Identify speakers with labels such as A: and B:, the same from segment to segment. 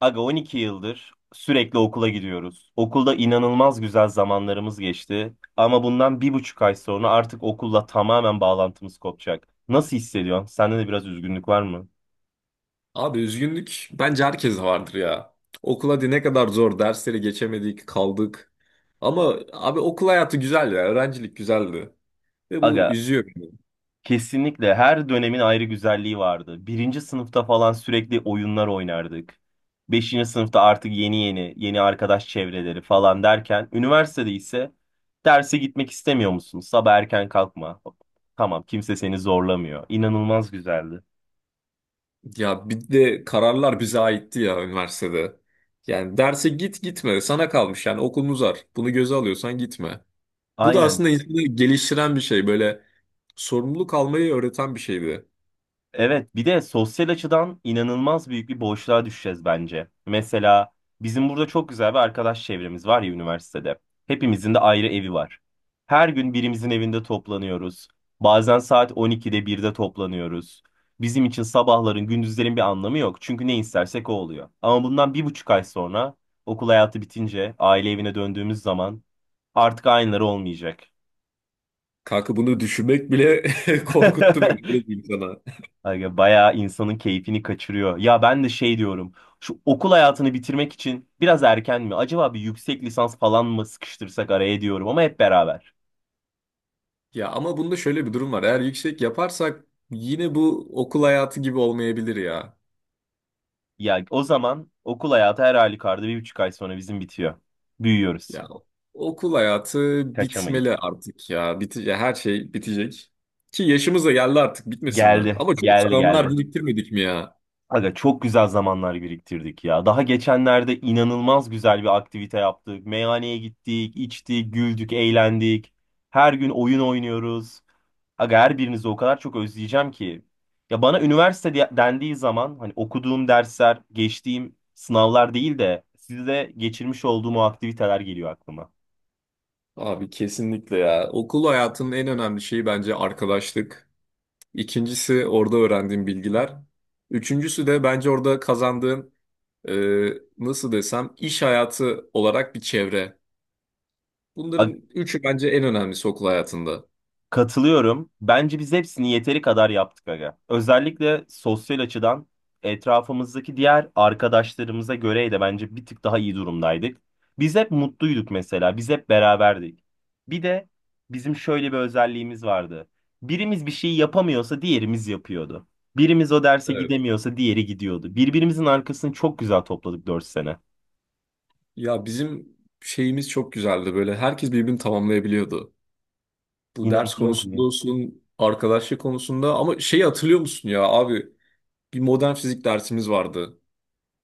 A: Aga 12 yıldır sürekli okula gidiyoruz. Okulda inanılmaz güzel zamanlarımız geçti. Ama bundan 1,5 ay sonra artık okulla tamamen bağlantımız kopacak. Nasıl hissediyorsun? Sende de biraz üzgünlük var mı?
B: Abi üzgünlük bence herkeste vardır ya. Okul hadi ne kadar zor dersleri geçemedik kaldık. Ama abi okul hayatı güzel ya öğrencilik güzeldi. Ve bu
A: Aga,
B: üzüyor beni.
A: kesinlikle her dönemin ayrı güzelliği vardı. Birinci sınıfta falan sürekli oyunlar oynardık. Beşinci sınıfta artık yeni yeni arkadaş çevreleri falan derken. Üniversitede ise derse gitmek istemiyor musun? Sabah erken kalkma. Tamam, kimse seni zorlamıyor. İnanılmaz güzeldi.
B: Ya bir de kararlar bize aitti ya üniversitede. Yani derse git gitme sana kalmış yani okulun uzar. Bunu göze alıyorsan gitme. Bu da
A: Aynen.
B: aslında insanı geliştiren bir şey böyle sorumluluk almayı öğreten bir şeydi.
A: Evet, bir de sosyal açıdan inanılmaz büyük bir boşluğa düşeceğiz bence. Mesela bizim burada çok güzel bir arkadaş çevremiz var ya üniversitede. Hepimizin de ayrı evi var. Her gün birimizin evinde toplanıyoruz. Bazen saat 12'de birde toplanıyoruz. Bizim için sabahların, gündüzlerin bir anlamı yok. Çünkü ne istersek o oluyor. Ama bundan bir buçuk ay sonra okul hayatı bitince aile evine döndüğümüz zaman artık aynıları olmayacak.
B: Kanka bunu düşünmek bile korkuttu beni. Öyle diyeyim sana.
A: Aga, bayağı insanın keyfini kaçırıyor. Ya ben de şey diyorum. Şu okul hayatını bitirmek için biraz erken mi? Acaba bir yüksek lisans falan mı sıkıştırsak araya diyorum, ama hep beraber.
B: Ya ama bunda şöyle bir durum var. Eğer yüksek yaparsak yine bu okul hayatı gibi olmayabilir ya.
A: Ya o zaman okul hayatı her halükarda 1,5 ay sonra bizim bitiyor. Büyüyoruz.
B: Ya okul hayatı bitmeli
A: Kaçamayız.
B: artık ya. Bitecek, her şey bitecek. Ki yaşımız da geldi artık bitmesin mi?
A: Geldi,
B: Ama çok güzel
A: geldi,
B: anılar
A: geldi.
B: biriktirmedik mi ya?
A: Aga, çok güzel zamanlar biriktirdik ya. Daha geçenlerde inanılmaz güzel bir aktivite yaptık. Meyhaneye gittik, içtik, güldük, eğlendik. Her gün oyun oynuyoruz. Aga, her birinizi o kadar çok özleyeceğim ki. Ya bana üniversite dendiği zaman hani okuduğum dersler, geçtiğim sınavlar değil de sizle geçirmiş olduğum o aktiviteler geliyor aklıma.
B: Abi kesinlikle ya. Okul hayatının en önemli şeyi bence arkadaşlık. İkincisi orada öğrendiğin bilgiler. Üçüncüsü de bence orada kazandığın e, nasıl desem iş hayatı olarak bir çevre. Bunların üçü bence en önemlisi okul hayatında.
A: Katılıyorum. Bence biz hepsini yeteri kadar yaptık aga. Özellikle sosyal açıdan etrafımızdaki diğer arkadaşlarımıza göre de bence bir tık daha iyi durumdaydık. Biz hep mutluyduk mesela. Biz hep beraberdik. Bir de bizim şöyle bir özelliğimiz vardı. Birimiz bir şeyi yapamıyorsa diğerimiz yapıyordu. Birimiz o derse
B: Evet.
A: gidemiyorsa diğeri gidiyordu. Birbirimizin arkasını çok güzel topladık 4 sene.
B: Ya bizim şeyimiz çok güzeldi böyle. Herkes birbirini tamamlayabiliyordu. Bu ders
A: İnanılmaz
B: konusunda
A: iyi.
B: olsun, arkadaşlık konusunda ama şeyi hatırlıyor musun ya abi bir modern fizik dersimiz vardı.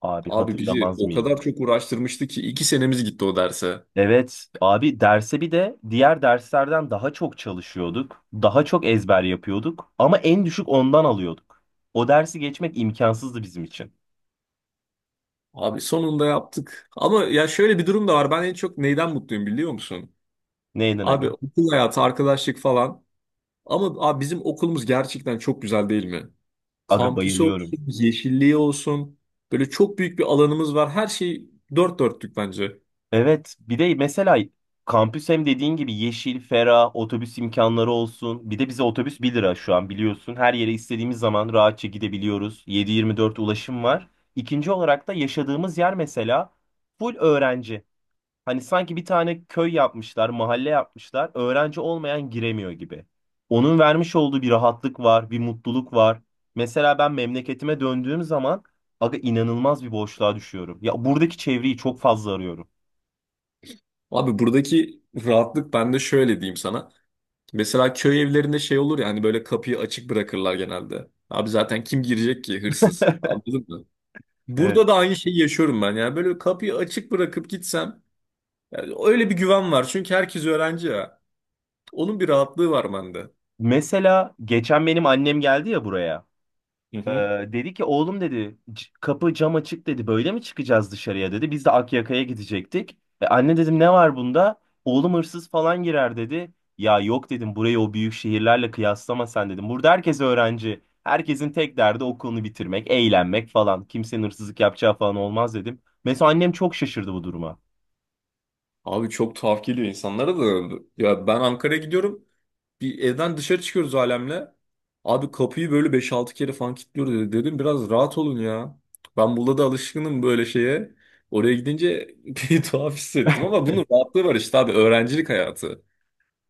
A: Abi
B: Abi bizi
A: hatırlamaz
B: o
A: mıyım?
B: kadar çok uğraştırmıştı ki iki senemiz gitti o derse.
A: Evet abi, derse bir de diğer derslerden daha çok çalışıyorduk. Daha çok ezber yapıyorduk ama en düşük ondan alıyorduk. O dersi geçmek imkansızdı bizim için.
B: Abi sonunda yaptık. Ama ya şöyle bir durum da var. Ben en çok neyden mutluyum biliyor musun?
A: Neyden aga?
B: Abi okul hayatı, arkadaşlık falan. Ama abi bizim okulumuz gerçekten çok güzel değil mi?
A: Aga,
B: Kampüsü
A: bayılıyorum.
B: olsun, yeşilliği olsun. Böyle çok büyük bir alanımız var. Her şey dört dörtlük bence.
A: Evet, bir de mesela kampüs hem dediğin gibi yeşil, ferah, otobüs imkanları olsun. Bir de bize otobüs 1 lira şu an biliyorsun. Her yere istediğimiz zaman rahatça gidebiliyoruz. 7/24 ulaşım var. İkinci olarak da yaşadığımız yer mesela full öğrenci. Hani sanki bir tane köy yapmışlar, mahalle yapmışlar. Öğrenci olmayan giremiyor gibi. Onun vermiş olduğu bir rahatlık var, bir mutluluk var. Mesela ben memleketime döndüğüm zaman aga inanılmaz bir boşluğa düşüyorum. Ya buradaki çevreyi çok fazla arıyorum.
B: Abi buradaki rahatlık ben de şöyle diyeyim sana. Mesela köy evlerinde şey olur ya hani böyle kapıyı açık bırakırlar genelde. Abi zaten kim girecek ki hırsız? Anladın mı?
A: Evet.
B: Burada da aynı şeyi yaşıyorum ben. Yani böyle kapıyı açık bırakıp gitsem yani öyle bir güven var. Çünkü herkes öğrenci ya. Onun bir rahatlığı var bende.
A: Mesela geçen benim annem geldi ya buraya.
B: Hı
A: Ee,
B: hı.
A: dedi ki oğlum, dedi, kapı cam açık, dedi, böyle mi çıkacağız dışarıya?" dedi. Biz de Akyaka'ya gidecektik. Anne, dedim, ne var bunda? Oğlum, hırsız falan girer, dedi. Ya yok, dedim, burayı o büyük şehirlerle kıyaslama sen, dedim. Burada herkes öğrenci. Herkesin tek derdi okulunu bitirmek, eğlenmek falan. Kimsenin hırsızlık yapacağı falan olmaz, dedim. Mesela annem çok şaşırdı bu duruma.
B: Abi çok tuhaf geliyor insanlara da. Ya ben Ankara'ya gidiyorum. Bir evden dışarı çıkıyoruz alemle. Abi kapıyı böyle beş altı kere falan kilitliyoruz dedi. Dedim biraz rahat olun ya. Ben burada da alışkınım böyle şeye. Oraya gidince bir tuhaf hissettim ama bunun rahatlığı var işte abi öğrencilik hayatı.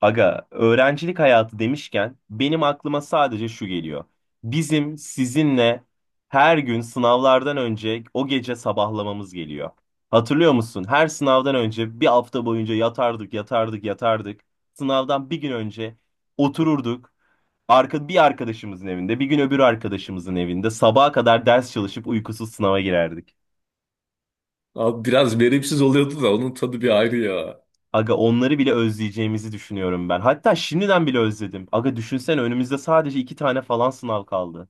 A: Aga, öğrencilik hayatı demişken benim aklıma sadece şu geliyor. Bizim sizinle her gün sınavlardan önce o gece sabahlamamız geliyor. Hatırlıyor musun? Her sınavdan önce bir hafta boyunca yatardık, yatardık, yatardık. Sınavdan bir gün önce otururduk. Bir arkadaşımızın evinde, bir gün öbür arkadaşımızın evinde sabaha kadar ders çalışıp uykusuz sınava girerdik.
B: Abi biraz verimsiz oluyordu da onun tadı bir ayrı ya.
A: Aga, onları bile özleyeceğimizi düşünüyorum ben. Hatta şimdiden bile özledim. Aga, düşünsene önümüzde sadece iki tane falan sınav kaldı.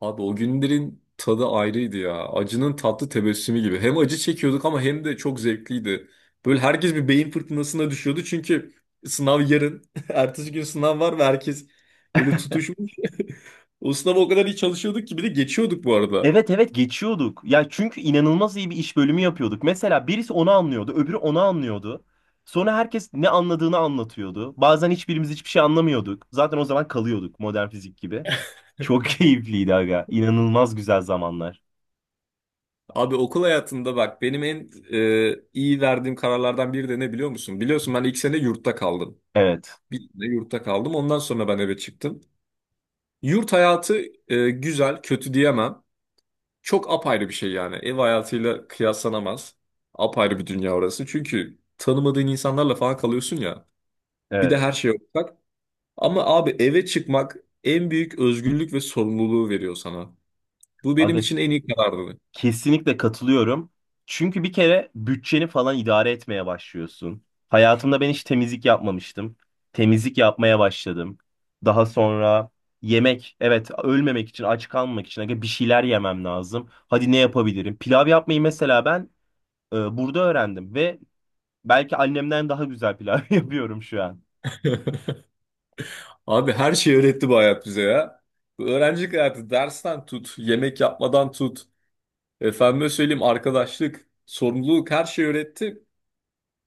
B: Abi o günlerin tadı ayrıydı ya. Acının tatlı tebessümü gibi. Hem acı çekiyorduk ama hem de çok zevkliydi. Böyle herkes bir beyin fırtınasına düşüyordu çünkü sınav yarın. Ertesi gün sınav var ve herkes böyle tutuşmuş. O sınava o kadar iyi çalışıyorduk ki bir de geçiyorduk bu arada.
A: Evet, evet, geçiyorduk. Ya çünkü inanılmaz iyi bir iş bölümü yapıyorduk. Mesela birisi onu anlıyordu, öbürü onu anlıyordu. Sonra herkes ne anladığını anlatıyordu. Bazen hiçbirimiz hiçbir şey anlamıyorduk. Zaten o zaman kalıyorduk modern fizik gibi. Çok keyifliydi aga. İnanılmaz güzel zamanlar.
B: Abi okul hayatında bak benim en iyi verdiğim kararlardan biri de ne biliyor musun? Biliyorsun ben ilk sene yurtta kaldım.
A: Evet.
B: Bir sene yurtta kaldım. Ondan sonra ben eve çıktım. Yurt hayatı güzel, kötü diyemem. Çok apayrı bir şey yani. Ev hayatıyla kıyaslanamaz. Apayrı bir dünya orası. Çünkü tanımadığın insanlarla falan kalıyorsun ya. Bir de
A: Evet.
B: her şey ortak. Ama abi eve çıkmak en büyük özgürlük ve sorumluluğu veriyor sana. Bu benim
A: Aga,
B: için en iyi karardı.
A: kesinlikle katılıyorum. Çünkü bir kere bütçeni falan idare etmeye başlıyorsun. Hayatımda ben hiç temizlik yapmamıştım. Temizlik yapmaya başladım. Daha sonra yemek, evet, ölmemek için, aç kalmamak için aga bir şeyler yemem lazım. Hadi ne yapabilirim? Pilav yapmayı mesela ben burada öğrendim ve belki annemden daha güzel pilav yapıyorum şu an.
B: Abi her şeyi öğretti bu hayat bize ya. Bu öğrencilik hayatı dersten tut, yemek yapmadan tut. Efendime söyleyeyim arkadaşlık, sorumluluk her şeyi öğretti.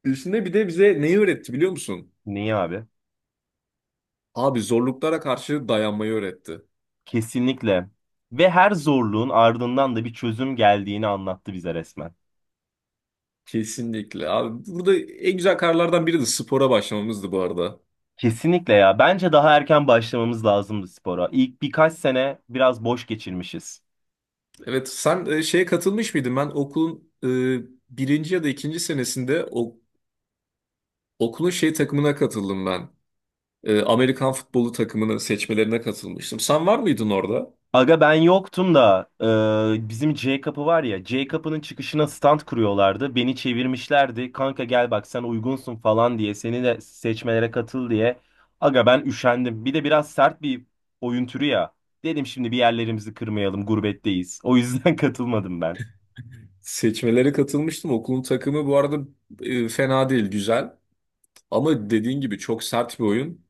B: Üstüne bir de bize neyi öğretti biliyor musun?
A: Niye abi?
B: Abi zorluklara karşı dayanmayı öğretti.
A: Kesinlikle. Ve her zorluğun ardından da bir çözüm geldiğini anlattı bize resmen.
B: Kesinlikle. Abi burada en güzel kararlardan biri de spora başlamamızdı bu arada.
A: Kesinlikle ya. Bence daha erken başlamamız lazımdı spora. İlk birkaç sene biraz boş geçirmişiz.
B: Evet, sen şeye katılmış mıydın? Ben okulun birinci ya da ikinci senesinde okulun şey takımına katıldım ben. E, Amerikan futbolu takımını seçmelerine katılmıştım. Sen var mıydın orada?
A: Aga ben yoktum da bizim J kapı var ya, J kapının çıkışına stand kuruyorlardı. Beni çevirmişlerdi. Kanka gel bak sen uygunsun falan diye, seni de seçmelere katıl diye. Aga ben üşendim. Bir de biraz sert bir oyun türü ya. Dedim şimdi bir yerlerimizi kırmayalım, gurbetteyiz. O yüzden katılmadım ben.
B: Seçmelere katılmıştım. Okulun takımı bu arada fena değil, güzel. Ama dediğin gibi çok sert bir oyun.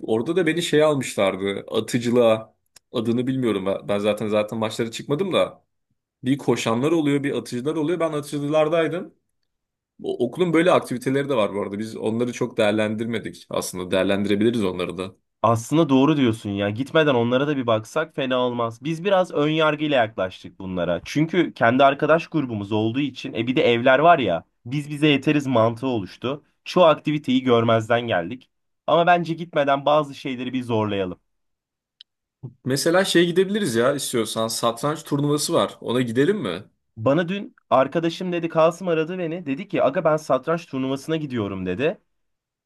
B: Orada da beni şey almışlardı. Atıcılığa. Adını bilmiyorum. Ben zaten maçlara çıkmadım da. Bir koşanlar oluyor, bir atıcılar oluyor. Ben atıcılardaydım. Okulun böyle aktiviteleri de var bu arada. Biz onları çok değerlendirmedik. Aslında değerlendirebiliriz onları da.
A: Aslında doğru diyorsun ya. Gitmeden onlara da bir baksak fena olmaz. Biz biraz ön yargıyla yaklaştık bunlara. Çünkü kendi arkadaş grubumuz olduğu için e bir de evler var ya. Biz bize yeteriz mantığı oluştu. Çoğu aktiviteyi görmezden geldik. Ama bence gitmeden bazı şeyleri bir zorlayalım.
B: Mesela şey gidebiliriz ya istiyorsan. Satranç turnuvası var. Ona gidelim mi?
A: Bana dün arkadaşım dedi, Kasım aradı beni. Dedi ki aga ben satranç turnuvasına gidiyorum, dedi.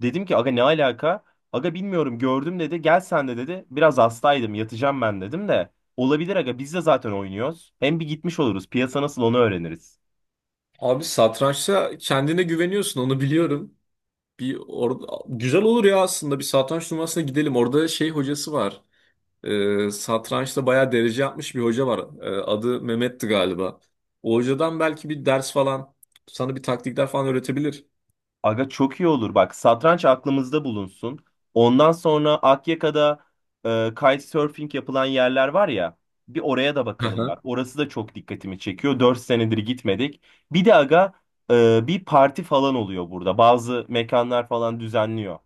A: Dedim ki aga, ne alaka? Aga bilmiyorum, gördüm, dedi. Gel sen de, dedi. Biraz hastaydım, yatacağım ben, dedim de. Olabilir aga, biz de zaten oynuyoruz. Hem bir gitmiş oluruz. Piyasa nasıl onu öğreniriz.
B: Abi satrançta kendine güveniyorsun onu biliyorum. Bir orada güzel olur ya aslında bir satranç turnuvasına gidelim. Orada şey hocası var. Satrançta bayağı derece yapmış bir hoca var. Adı Mehmet'ti galiba. O hocadan belki bir ders falan sana bir taktikler falan öğretebilir.
A: Aga çok iyi olur bak. Satranç aklımızda bulunsun. Ondan sonra Akyaka'da kitesurfing yapılan yerler var ya. Bir oraya da bakalım bak. Orası da çok dikkatimi çekiyor. 4 senedir gitmedik. Bir de aga bir parti falan oluyor burada. Bazı mekanlar falan düzenliyor.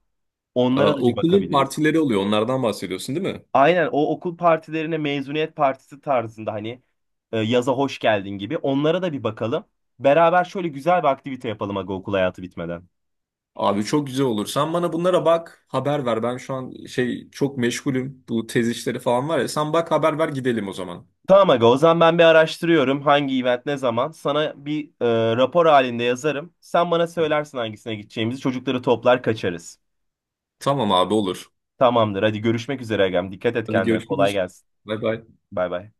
A: Onlara da bir
B: Okulun
A: bakabiliriz.
B: partileri oluyor. Onlardan bahsediyorsun değil mi?
A: Aynen, o okul partilerine mezuniyet partisi tarzında, hani yaza hoş geldin gibi, onlara da bir bakalım. Beraber şöyle güzel bir aktivite yapalım aga, okul hayatı bitmeden.
B: Abi çok güzel olur. Sen bana bunlara bak, haber ver. Ben şu an şey çok meşgulüm. Bu tez işleri falan var ya. Sen bak haber ver gidelim o zaman.
A: Tamam aga, o zaman ben bir araştırıyorum hangi event ne zaman. Sana bir rapor halinde yazarım. Sen bana söylersin hangisine gideceğimizi, çocukları toplar kaçarız.
B: Tamam abi olur.
A: Tamamdır, hadi görüşmek üzere agam. Dikkat et
B: Hadi
A: kendine, kolay
B: görüşürüz.
A: gelsin.
B: Bay bay.
A: Bay bay.